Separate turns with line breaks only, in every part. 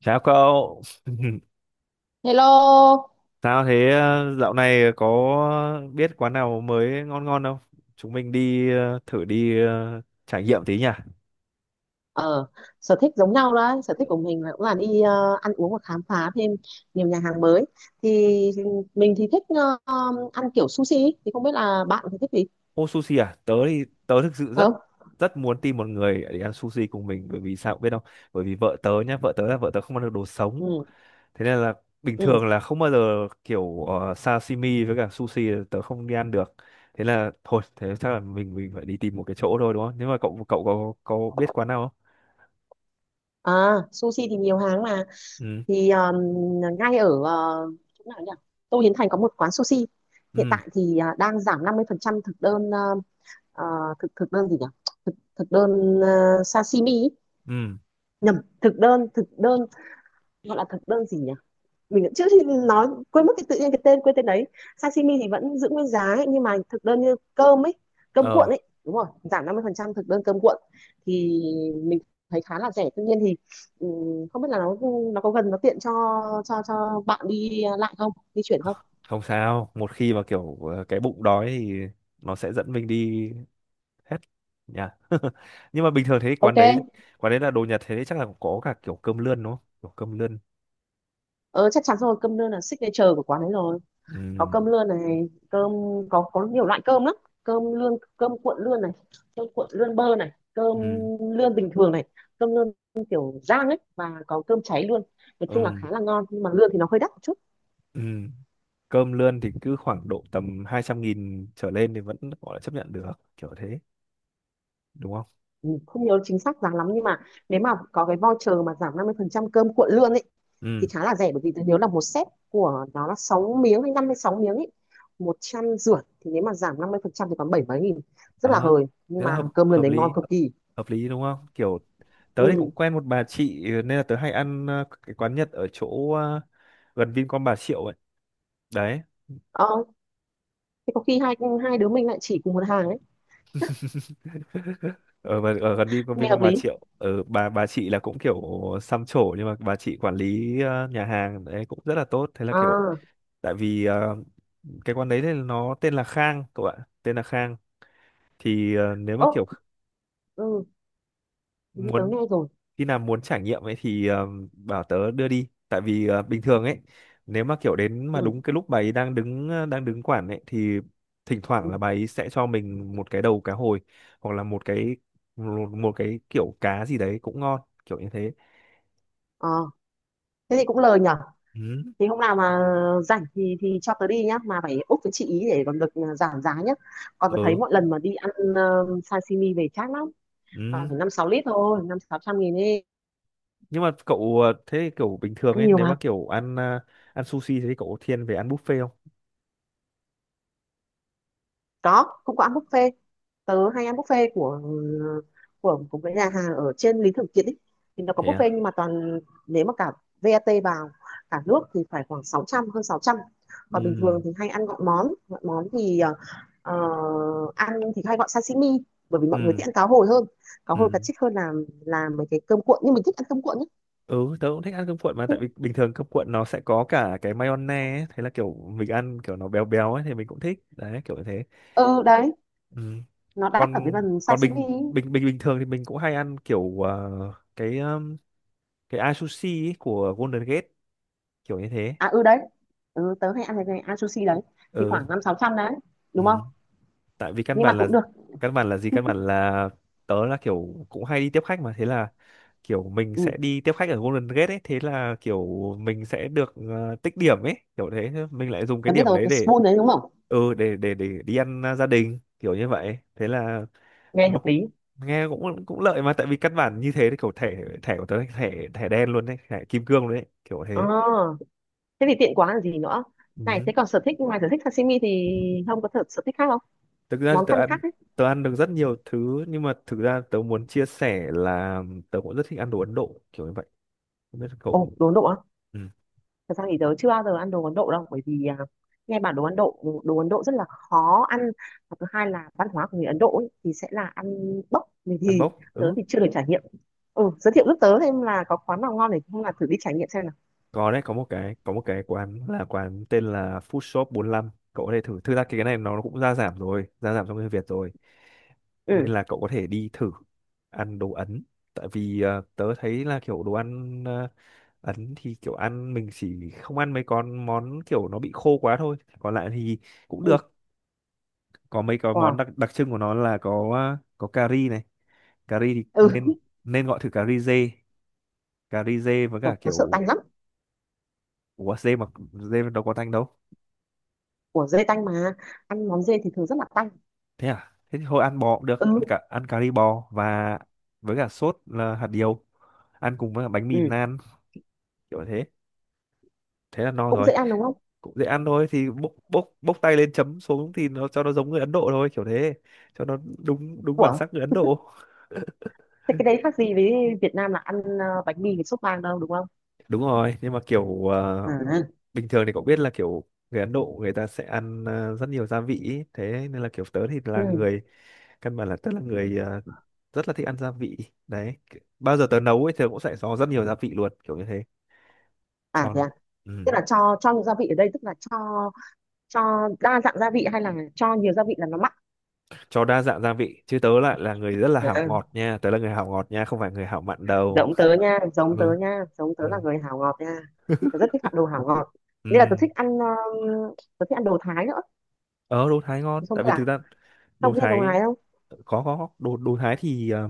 Chào cậu,
Hello.
sao thế dạo này có biết quán nào mới ngon ngon không? Chúng mình đi thử đi trải nghiệm tí nhỉ.
ờ Sở thích giống nhau đấy, sở thích của mình là cũng là đi ăn uống và khám phá thêm nhiều nhà hàng mới. Thì mình thì thích ăn kiểu sushi ý. Thì không biết là bạn thì thích gì
Ô sushi à? Tớ thì tớ thực sự rất
không?
rất muốn tìm một người để ăn sushi cùng mình bởi vì sao cũng biết không? Bởi vì vợ tớ nhá, vợ tớ không ăn được đồ sống.
Ừ,
Thế nên là bình
ừ,
thường là không bao giờ kiểu sashimi với cả sushi là tớ không đi ăn được. Thế là thôi, thế chắc là mình phải đi tìm một cái chỗ thôi đúng không? Nếu mà cậu cậu có biết quán nào không?
à, sushi thì nhiều hàng mà.
Ừ.
Thì ngay ở chỗ nào nhỉ? Tô Hiến Thành có một quán sushi. Hiện
Ừ.
tại thì đang giảm 50% thực đơn ờ, thực thực đơn gì nhỉ? Thực đơn sashimi ý.
Ừ.
Nhầm. Thực đơn gọi là thực đơn gì nhỉ? Mình cũng trước khi nói quên mất cái, tự nhiên cái tên quên tên đấy. Sashimi thì vẫn giữ nguyên giá ấy, nhưng mà thực đơn như cơm ấy, cơm cuộn
Ờ,
ấy, đúng rồi, giảm 50% thực đơn cơm cuộn. Thì mình thấy khá là rẻ, tuy nhiên thì không biết là nó có gần, nó tiện cho cho bạn đi lại không, di chuyển không?
không sao. Một khi mà kiểu cái bụng đói thì nó sẽ dẫn mình đi hết nha. Nhưng mà bình thường thế
Ok.
quán đấy là đồ Nhật thế đấy chắc là có cả kiểu cơm lươn đúng không? Kiểu cơm lươn.
Ờ, Chắc chắn rồi, cơm đơn là signature của quán ấy rồi. Có
Ừ,
cơm lươn này, cơm, có nhiều loại cơm lắm. Cơm lươn, cơm cuộn lươn này, cơm cuộn lươn bơ này, cơm
ừ,
lươn bình thường này, cơm lươn kiểu rang ấy, và có cơm cháy luôn. Nói
ừ,
chung là khá là ngon, nhưng mà lươn thì nó hơi đắt một chút.
ừ. Cơm lươn thì cứ khoảng độ tầm 200.000 trở lên thì vẫn gọi là chấp nhận được, kiểu thế, đúng không?
Ừ, không nhớ chính xác giá lắm, nhưng mà nếu mà có cái voucher mà giảm 50% cơm cuộn lươn ấy thì
Ừ,
khá là rẻ, bởi vì tôi nhớ là một set của nó là 6 miếng hay 56 miếng ấy, 150, thì nếu mà giảm 50% thì còn bảy mấy nghìn, rất là
ờ,
hời, nhưng
thế là
mà
hợp
cơm lươn đấy ngon cực kỳ.
hợp lý đúng không? Kiểu tớ thì
Ừ.
cũng quen một bà chị ừ, nên là tớ hay ăn cái quán Nhật ở chỗ gần Vincom Bà Triệu ấy đấy.
Ờ, thì có khi hai hai đứa mình lại chỉ cùng một hàng ấy.
Ở gần Vincom
Nghe
Vincom
hợp
Bà
lý.
Triệu, ở bà chị là cũng kiểu xăm trổ nhưng mà bà chị quản lý nhà hàng đấy cũng rất là tốt, thế là
À,
kiểu tại vì cái quán đấy thì nó tên là Khang cậu ạ, tên là Khang. Thì nếu mà
ố,
kiểu
ừ, hình như tớ
muốn
nghe rồi.
khi nào muốn trải nghiệm ấy thì bảo tớ đưa đi, tại vì bình thường ấy nếu mà kiểu đến mà
Ừ,
đúng cái lúc bà ấy đang đứng quản ấy thì thỉnh thoảng
ừ.
là bà ấy sẽ cho mình một cái đầu cá hồi hoặc là một cái kiểu cá gì đấy cũng ngon kiểu như thế.
Ờ, thế thì cũng lời nhở.
Ừ
Thì hôm nào mà rảnh thì cho tớ đi nhá, mà phải úc với chị ý để còn được giảm giá nhá. Còn tớ thấy
ừ
mỗi lần mà đi ăn sashimi về chát lắm, toàn
ừ.
phải 5 6 lít thôi, năm sáu trăm nghìn đi.
Nhưng mà cậu thế thì kiểu bình thường
Ăn
ấy
nhiều
nếu mà
mà.
kiểu ăn sushi thế thì cậu có thiên về ăn buffet không?
Có, cũng có ăn buffet. Tớ hay ăn buffet của cái nhà hàng ở trên Lý Thường Kiệt ấy. Thì nó có
Thế à.
buffet, nhưng mà toàn nếu mà cả VAT vào cả nước thì phải khoảng sáu trăm, hơn sáu trăm. Còn bình
Ừ
thường thì hay ăn gọn món, gọn món thì ờ, ăn thì hay gọi sashimi, bởi vì mọi người
ừ
thích ăn cá hồi hơn, cá hồi cá
ừ.
trích hơn là làm mấy cái cơm cuộn, nhưng mình thích ăn cơm cuộn ấy.
Ừ, tớ cũng thích ăn cơm cuộn mà tại vì bình thường cơm cuộn nó sẽ có cả cái mayonnaise ấy, thế là kiểu mình ăn kiểu nó béo béo ấy thì mình cũng thích. Đấy, kiểu như thế.
Ừ đấy,
Ừ.
nó đắt ở cái
Còn
phần
còn
sashimi
bình
ấy.
bình bình bình thường thì mình cũng hay ăn kiểu cái um, cái ai sushi ấy của Golden Gate kiểu như thế.
À, ừ đấy, ừ, tớ hay ăn cái ăn sushi đấy thì
Ừ.
khoảng năm sáu trăm đấy,
Ừ.
đúng không?
Tại vì căn
Nhưng mà
bản là
cũng được.
gì, căn bản là tớ là kiểu cũng hay đi tiếp khách, mà thế là kiểu mình
Ừ.
sẽ đi tiếp khách ở Golden Gate ấy, thế là kiểu mình sẽ được tích điểm ấy kiểu thế. Thế mình lại dùng cái
Tớ biết
điểm
rồi,
đấy
cái
để
spoon đấy đúng không?
ừ để đi ăn, à, gia đình kiểu như vậy, thế là
Nghe
nó
hợp
cũng
lý.
nghe cũng cũng lợi mà, tại vì căn bản như thế thì kiểu thẻ thẻ của tớ là thẻ thẻ đen luôn đấy, thẻ kim cương luôn đấy kiểu thế.
Ờ, thế thì tiện quá là gì nữa. Này
Ừ.
thế còn sở thích ngoài sở thích sashimi thì không có sở thích khác không?
Thực ra thì
Món ăn khác ấy.
tớ ăn được rất nhiều thứ nhưng mà thực ra tớ muốn chia sẻ là tớ cũng rất thích ăn đồ Ấn Độ kiểu như vậy, không biết là
Ồ,
cậu.
đồ Ấn Độ á?
Ừ.
Thật ra thì tớ chưa bao giờ ăn đồ Ấn Độ đâu, bởi vì à, nghe bảo đồ Ấn Độ, đồ Ấn Độ rất là khó ăn, và thứ hai là văn hóa của người Ấn Độ ấy, thì sẽ là ăn bốc mì,
Ăn
thì
bốc,
tớ
ừ.
thì chưa được trải nghiệm. Ừ, giới thiệu giúp tớ thêm là có quán nào ngon để không là thử đi trải nghiệm xem nào.
Có đấy, có một cái quán là quán tên là Food Shop 45, cậu có thể thử. Thực ra cái này nó cũng gia giảm rồi, gia giảm trong người Việt rồi
Ừ.
nên là cậu có thể đi thử ăn đồ Ấn, tại vì tớ thấy là kiểu đồ ăn Ấn thì kiểu ăn mình chỉ không ăn mấy con món kiểu nó bị khô quá thôi, còn lại thì cũng
Ừ.
được. Có mấy cái món
Wow.
đặc đặc trưng của nó là có à, có cà ri này, cà ri thì
Ừ.
nên nên gọi thử cà ri dê, với
Trời,
cả
tớ sợ tanh
kiểu.
lắm.
Ủa dê mà, dê đâu có tanh đâu.
Của dê tanh mà, ăn món dê thì thường rất là tanh.
Thế à, thế thì thôi ăn bò cũng được,
Ừ,
ăn cà ri bò và với cả sốt là hạt điều, ăn cùng với cả bánh
ừ,
mì nan kiểu thế, thế là no
cũng
rồi.
dễ ăn đúng không?
Cũng dễ ăn thôi thì bốc bốc bốc tay lên chấm xuống thì nó cho nó giống người Ấn Độ thôi kiểu thế, cho nó đúng đúng bản
Ủa,
sắc người Ấn Độ.
thế cái đấy khác gì với Việt Nam là ăn bánh mì với sốt vang đâu, đúng không?
Đúng rồi nhưng mà kiểu
À.
bình thường thì cậu biết là kiểu người Ấn Độ người ta sẽ ăn rất nhiều gia vị ý. Thế nên là kiểu tớ thì là
Ừ.
người, căn bản là tớ là người rất là thích ăn gia vị đấy, bao giờ tớ nấu ấy tớ cũng sẽ có rất nhiều gia vị luôn kiểu như thế,
À,
cho
thế
nó.
à?
Ừ.
Tức là cho nhiều gia vị ở đây, tức là cho đa dạng gia vị hay là cho nhiều gia vị là nó mặn?
Cho đa dạng gia vị chứ, tớ lại là người rất là hảo
À,
ngọt nha, tớ là người hảo ngọt nha, không phải người hảo mặn đâu.
giống tớ nha, giống tớ
Ừ.
nha, giống
Ừ.
tớ là người hảo ngọt nha. Tớ rất thích ăn đồ hảo ngọt, nên là
Ừ.
tớ thích ăn đồ Thái nữa.
Ờ, đồ Thái ngon
Thì không
tại
biết
vì thực
là
ra đồ
không biết ăn đồ
Thái,
Thái không.
có đồ đồ Thái thì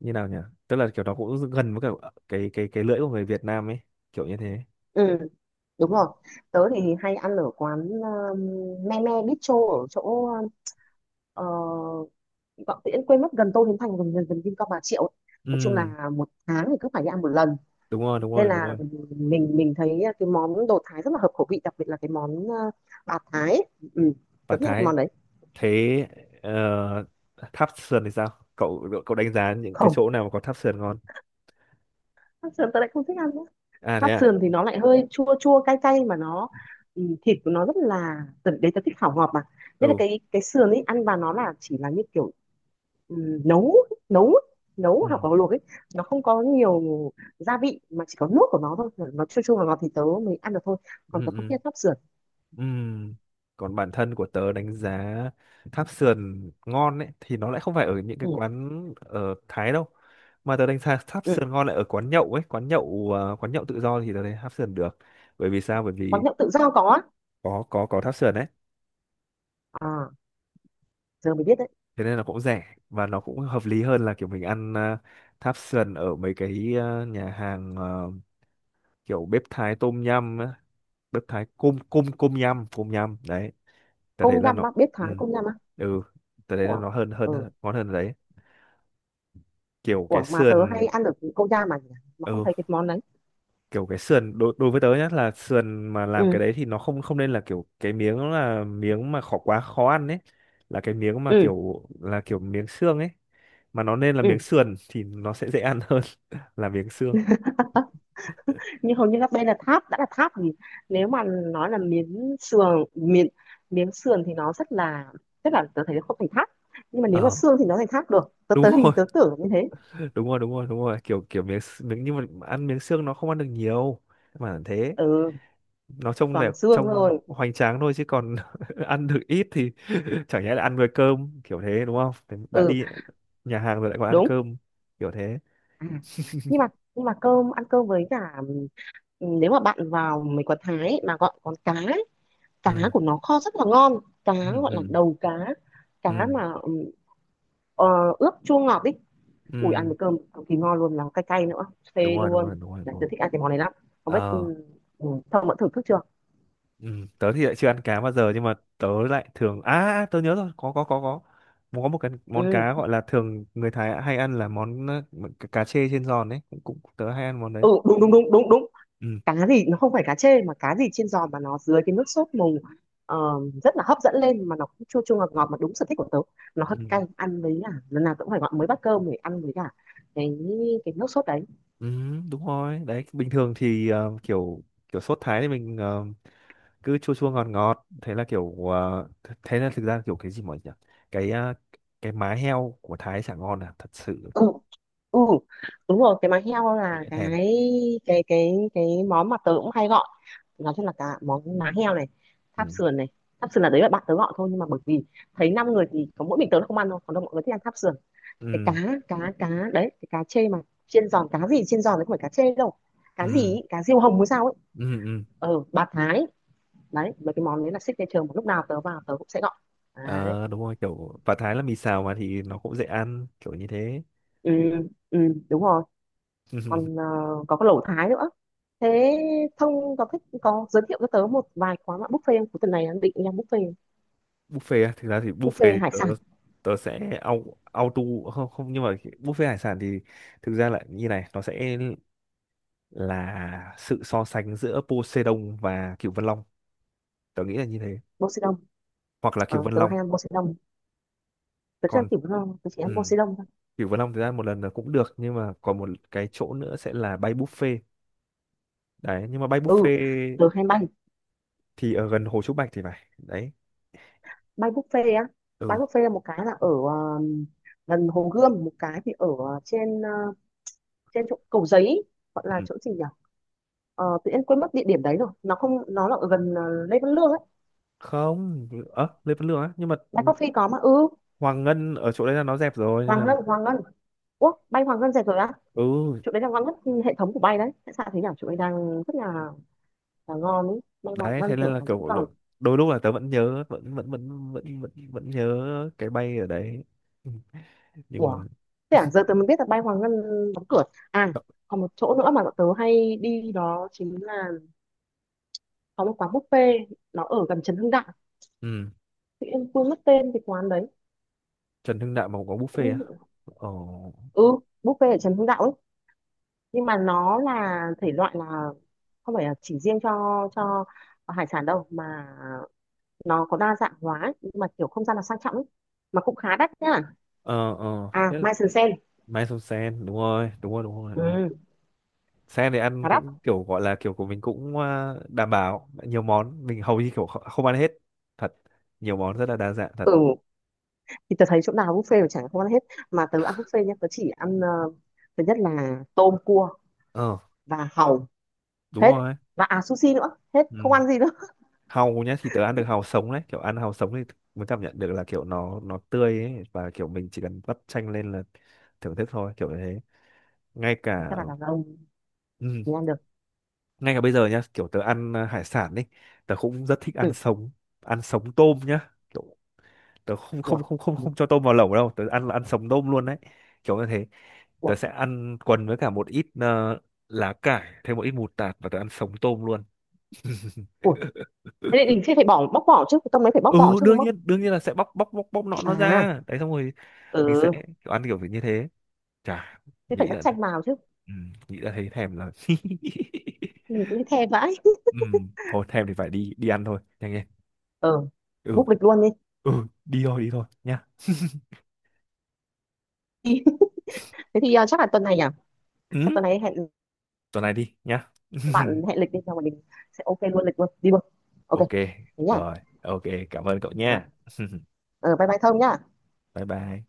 như nào nhỉ, tức là kiểu nó cũng gần với cả cái lưỡi của người Việt Nam ấy kiểu như thế.
Ừ, đúng rồi, tớ thì hay ăn ở quán me me bistro ở chỗ ờ, Vọng Tiễn quên mất, gần Tô Hiến Thành gần gần, gần Vincom Bà Triệu ấy. Nói chung
Ừ
là một tháng thì cứ phải đi ăn một lần,
đúng rồi đúng
nên
rồi đúng
là
rồi.
mình thấy cái món đồ Thái rất là hợp khẩu vị, đặc biệt là cái món bạt Thái ấy. Ừ, tớ
Bản
thích ăn cái
Thái.
món đấy.
Thế ờ, tháp sườn thì sao, cậu cậu đánh giá những cái
Không,
chỗ nào mà có tháp sườn ngon?
bắp sườn tớ lại không thích ăn nữa.
À thế
Bắp
à.
sườn thì nó lại hơi chua chua cay cay mà nó, ừ, thịt của nó rất là đấy, tớ thích khảo ngọt mà, nên là
Ừ.
cái sườn ấy ăn vào nó là chỉ là như kiểu, ừ, nấu nấu nấu
Ừ.
hoặc là luộc ấy. Nó không có nhiều gia vị mà chỉ có nước của nó thôi, nó chua chua và ngọt thì tớ mới ăn được thôi,
Ừ
còn tớ không
ừ
thích ăn sắp sửa.
ừ. Còn bản thân của tớ đánh giá tháp sườn ngon ấy thì nó lại không phải ở những cái
Ừ.
quán ở Thái đâu, mà tớ đánh giá tháp
Ừ.
sườn ngon lại ở quán nhậu ấy, quán nhậu tự do thì tớ thấy tháp sườn được, bởi vì sao, bởi
Quán
vì
nhậu tự do có á?
có tháp sườn đấy,
À, giờ mới biết đấy.
thế nên là cũng rẻ và nó cũng hợp lý hơn là kiểu mình ăn tháp sườn ở mấy cái nhà hàng kiểu bếp Thái tôm nhum á. Bếp Thái cung cung cung nhum đấy, ta thấy
Công
là
nhâm
nó.
á, biết
Ừ
Thái công nhâm á
ừ. Ta thấy là
của.
nó hơn hơn
Ừ.
hơn- ngon hơn ở đấy, kiểu cái
Của mà tớ hay
sườn.
ăn được công nhâm mà nhỉ? Mà không
Ừ.
thấy cái món đấy.
Kiểu cái sườn đối đối với tớ nhá là sườn mà
Ừ,
làm cái đấy thì nó không không nên, là kiểu cái miếng nó là miếng mà khó quá khó ăn ấy, là cái miếng mà
ừ,
kiểu là kiểu miếng xương ấy, mà nó nên là miếng
ừ.
sườn thì nó sẽ dễ ăn hơn. Là miếng xương.
Nhưng hầu như các bên là tháp, đã là tháp thì nếu mà nói là miếng sườn, miếng miếng sườn thì nó rất là, rất là, tớ thấy nó không thành tháp, nhưng mà nếu mà
Ờ
xương thì nó thành tháp được, tớ tớ
đúng rồi.
hình, tớ tưởng như thế.
Đúng rồi đúng rồi đúng rồi, kiểu kiểu miếng, nhưng mà ăn miếng xương nó không ăn được nhiều mà thế,
Ừ,
nó trông đẹp
toàn xương
trông
thôi.
hoành tráng thôi chứ còn ăn được ít thì chẳng nhẽ là ăn với cơm kiểu thế đúng không? Thế đã
Ừ,
đi nhà hàng rồi lại còn ăn
đúng.
cơm kiểu thế.
À, nhưng mà cơm, ăn cơm với cả, ừ, nếu mà bạn vào mấy quán Thái ấy, mà gọi con cá ấy, cá
Ừ.
của nó kho rất là ngon. Cá
Ừ
gọi là
ừ
đầu cá, cá
ừ
mà, ừ, ờ, ướp chua ngọt đi. Ui ăn
ừ.
với cơm cực kỳ ngon luôn, là cay cay nữa,
Đúng
phê
rồi đúng rồi
luôn.
đúng rồi
Đấy,
đúng
tớ
rồi.
thích ăn cái món này lắm. Không biết, ừ,
Ờ.
ừ, Thông đã thử thức chưa?
Ừ. Tớ thì lại chưa ăn cá bao giờ nhưng mà tớ lại thường à, à, tớ nhớ rồi, có mà có một cái món
Ừ.
cá gọi là thường người Thái hay ăn là món cá cá chê trên giòn đấy cũng, cũng tớ hay ăn món đấy.
Ừ, đúng đúng đúng đúng đúng.
Ừ
Cá gì nó không phải cá chê, mà cá gì chiên giòn mà nó dưới cái nước sốt mùng, ờ, rất là hấp dẫn lên, mà nó cũng chua chua ngọt ngọt mà đúng sở thích của tớ. Nó hơi
ừ
cay, ăn với cả lần nào tớ cũng phải gọi mới bát cơm để ăn với cả cái cái nước sốt đấy.
ừ. Đúng rồi đấy, bình thường thì kiểu kiểu sốt Thái thì mình cứ chua chua ngọt ngọt, thế là kiểu thế là thực ra kiểu cái gì mọi nhỉ, cái cái má heo của Thái chả ngon à thật sự.
Ừ, ừ đúng rồi, cái má heo là
Dễ
cái
thèm.
cái cái cái món mà tớ cũng hay gọi. Nói chung là cả món má heo này, tháp
Ừ.
sườn này. Tháp sườn là đấy là bạn tớ gọi thôi, nhưng mà bởi vì thấy năm người thì có mỗi mình tớ là không ăn thôi, còn đâu mọi người thích ăn tháp sườn. Cái cá,
Ừ
cá đấy, cái cá chê mà chiên giòn, cá gì chiên giòn đấy, không phải cá chê đâu,
ừ
cá gì ý, cá diêu hồng hay sao ấy.
ừ ừ.
Bà Thái, đấy mấy cái món đấy là signature mà lúc nào tớ vào tớ cũng sẽ gọi đấy.
Ờ, đúng rồi, kiểu và Thái là mì xào mà thì nó cũng dễ ăn kiểu như thế.
Ừ, ừ đúng rồi. Còn có cái lẩu Thái nữa. Thế Thông có thích, có giới thiệu cho tớ một vài quán bạn buffet không? Cuối tuần này đang định đi ăn buffet.
Buffet á, thực ra thì buffet
Buffet
thì
hải
tớ
sản.
tớ sẽ auto không không, nhưng mà buffet hải sản thì thực ra là như này, nó sẽ là sự so sánh giữa Poseidon và Cửu Vân Long, tớ nghĩ là như thế,
Poseidon.
hoặc là
Ờ,
Cửu Vân
tớ
Long.
hay ăn Poseidon. Tớ chưa ăn
Còn
kiểu ngon, tớ chỉ
ừ,
ăn Poseidon thôi.
Cửu Vân Long thực ra một lần là cũng được nhưng mà còn một cái chỗ nữa sẽ là bay buffet đấy, nhưng mà bay
Ừ,
buffet
tớ hay bay,
thì ở gần Hồ Trúc Bạch thì phải đấy.
bay buffet á. Bay
Ừ.
buffet là một cái là ở gần Hồ Gươm, một cái thì ở trên trên chỗ Cầu Giấy, gọi
Ừ.
là chỗ gì nhỉ? Ờ, tự nhiên quên mất địa điểm đấy rồi. Nó không, nó là ở gần Lê Văn Lương ấy.
Không, Lê Văn Lương á, nhưng mà
Bay Coffee có mà, ừ,
Hoàng Ngân ở chỗ đấy là nó dẹp rồi nên
Hoàng
là.
Ngân, Hoàng Ngân. Ủa, bay Hoàng Ngân rẻ rồi á?
Ừ
Chỗ đấy là ngon nhất hệ thống của bay đấy, tại sao thế nhỉ? Chỗ đấy đang rất là ngon ấy, bay Hoàng
đấy,
Ngân
thế nên
tưởng
là
nó vẫn
kiểu
còn.
đôi lúc là tớ vẫn nhớ, vẫn vẫn vẫn vẫn vẫn vẫn nhớ cái bay ở đấy. Ừ, nhưng
Ủa,
mà.
thế à, giờ tớ mới biết là bay Hoàng Ngân đóng cửa. À, còn một chỗ nữa mà bọn tớ hay đi đó chính là có một quán buffet, nó ở gần Trần Hưng Đạo,
Ừ.
tự nhiên quên mất tên cái quán đấy.
Trần Hưng Đạo mà cũng có buffet á?
Cũng,
Ồ.
ừ, buffet ở Trần Hưng Đạo ấy, nhưng mà nó là thể loại là không phải là chỉ riêng cho hải sản đâu, mà nó có đa dạng hóa ấy. Nhưng mà kiểu không gian là sang trọng ấy. Mà cũng khá đắt nhá.
Ờ ờ
À,
thế là
Mai Sơn Sen.
Mai Sông Sen đúng rồi đúng rồi đúng rồi đúng rồi.
Ừ,
Sen thì ăn
Hà Đắc.
cũng kiểu gọi là kiểu của mình cũng đảm bảo nhiều món, mình hầu như kiểu không ăn hết thật, nhiều món rất là đa dạng thật.
Ừ, thì tớ thấy chỗ nào buffet mà chẳng không ăn hết. Mà tớ ăn buffet nhá, tớ chỉ ăn thứ nhất là tôm cua
Ờ
và hàu,
đúng
hết.
rồi.
Và à, sushi nữa, hết,
Ừ.
không ăn gì nữa.
Hàu nhá thì tớ ăn được hàu sống đấy, kiểu ăn hàu sống thì mới cảm nhận được là kiểu nó tươi ấy, và kiểu mình chỉ cần vắt chanh lên là thưởng thức thôi kiểu như thế, ngay cả.
Chắc là đàn ông
Ừ,
mới ăn được.
ngay cả bây giờ nhá, kiểu tớ ăn hải sản đi, tớ cũng rất thích ăn
Ừ,
sống, ăn sống tôm nhá, kiểu tớ không
ủa,
không không không
ừ,
không cho tôm vào lẩu đâu, tớ ăn là ăn sống tôm luôn đấy kiểu như thế.
ủa,
Tớ sẽ ăn quần với cả một ít lá cải, thêm một ít mù tạt, và tớ ăn sống tôm luôn.
ủa. Thế thì mình sẽ phải bỏ bóc vỏ chứ, cái tôm đấy phải bóc vỏ
Ừ,
chứ đúng không?
đương nhiên là sẽ bóc bóc bóc bóc nọ nó
À,
ra đấy, xong rồi mình sẽ
ừ,
kiểu ăn kiểu như thế. Chả
thế phải
nghĩ
cắt
là.
chanh vào chứ.
Ừ, nghĩ là thấy thèm rồi.
Nhìn cũng thèm vãi.
Ừ, thôi thèm thì phải đi đi ăn thôi, nhanh lên.
Ừ,
Ừ.
book lịch luôn đi.
Ừ đi thôi nhá.
Thế thì chắc là tuần này à? Chắc
Ừ
tuần này hẹn,
tuần này đi nhá.
bạn hẹn lịch đi, xong rồi mình sẽ ok luôn lịch luôn, đi luôn. Ok,
Ok,
thế nhá.
rồi ok, cảm ơn cậu nha.
Ừ, bye bye Thông nhá.
Bye bye.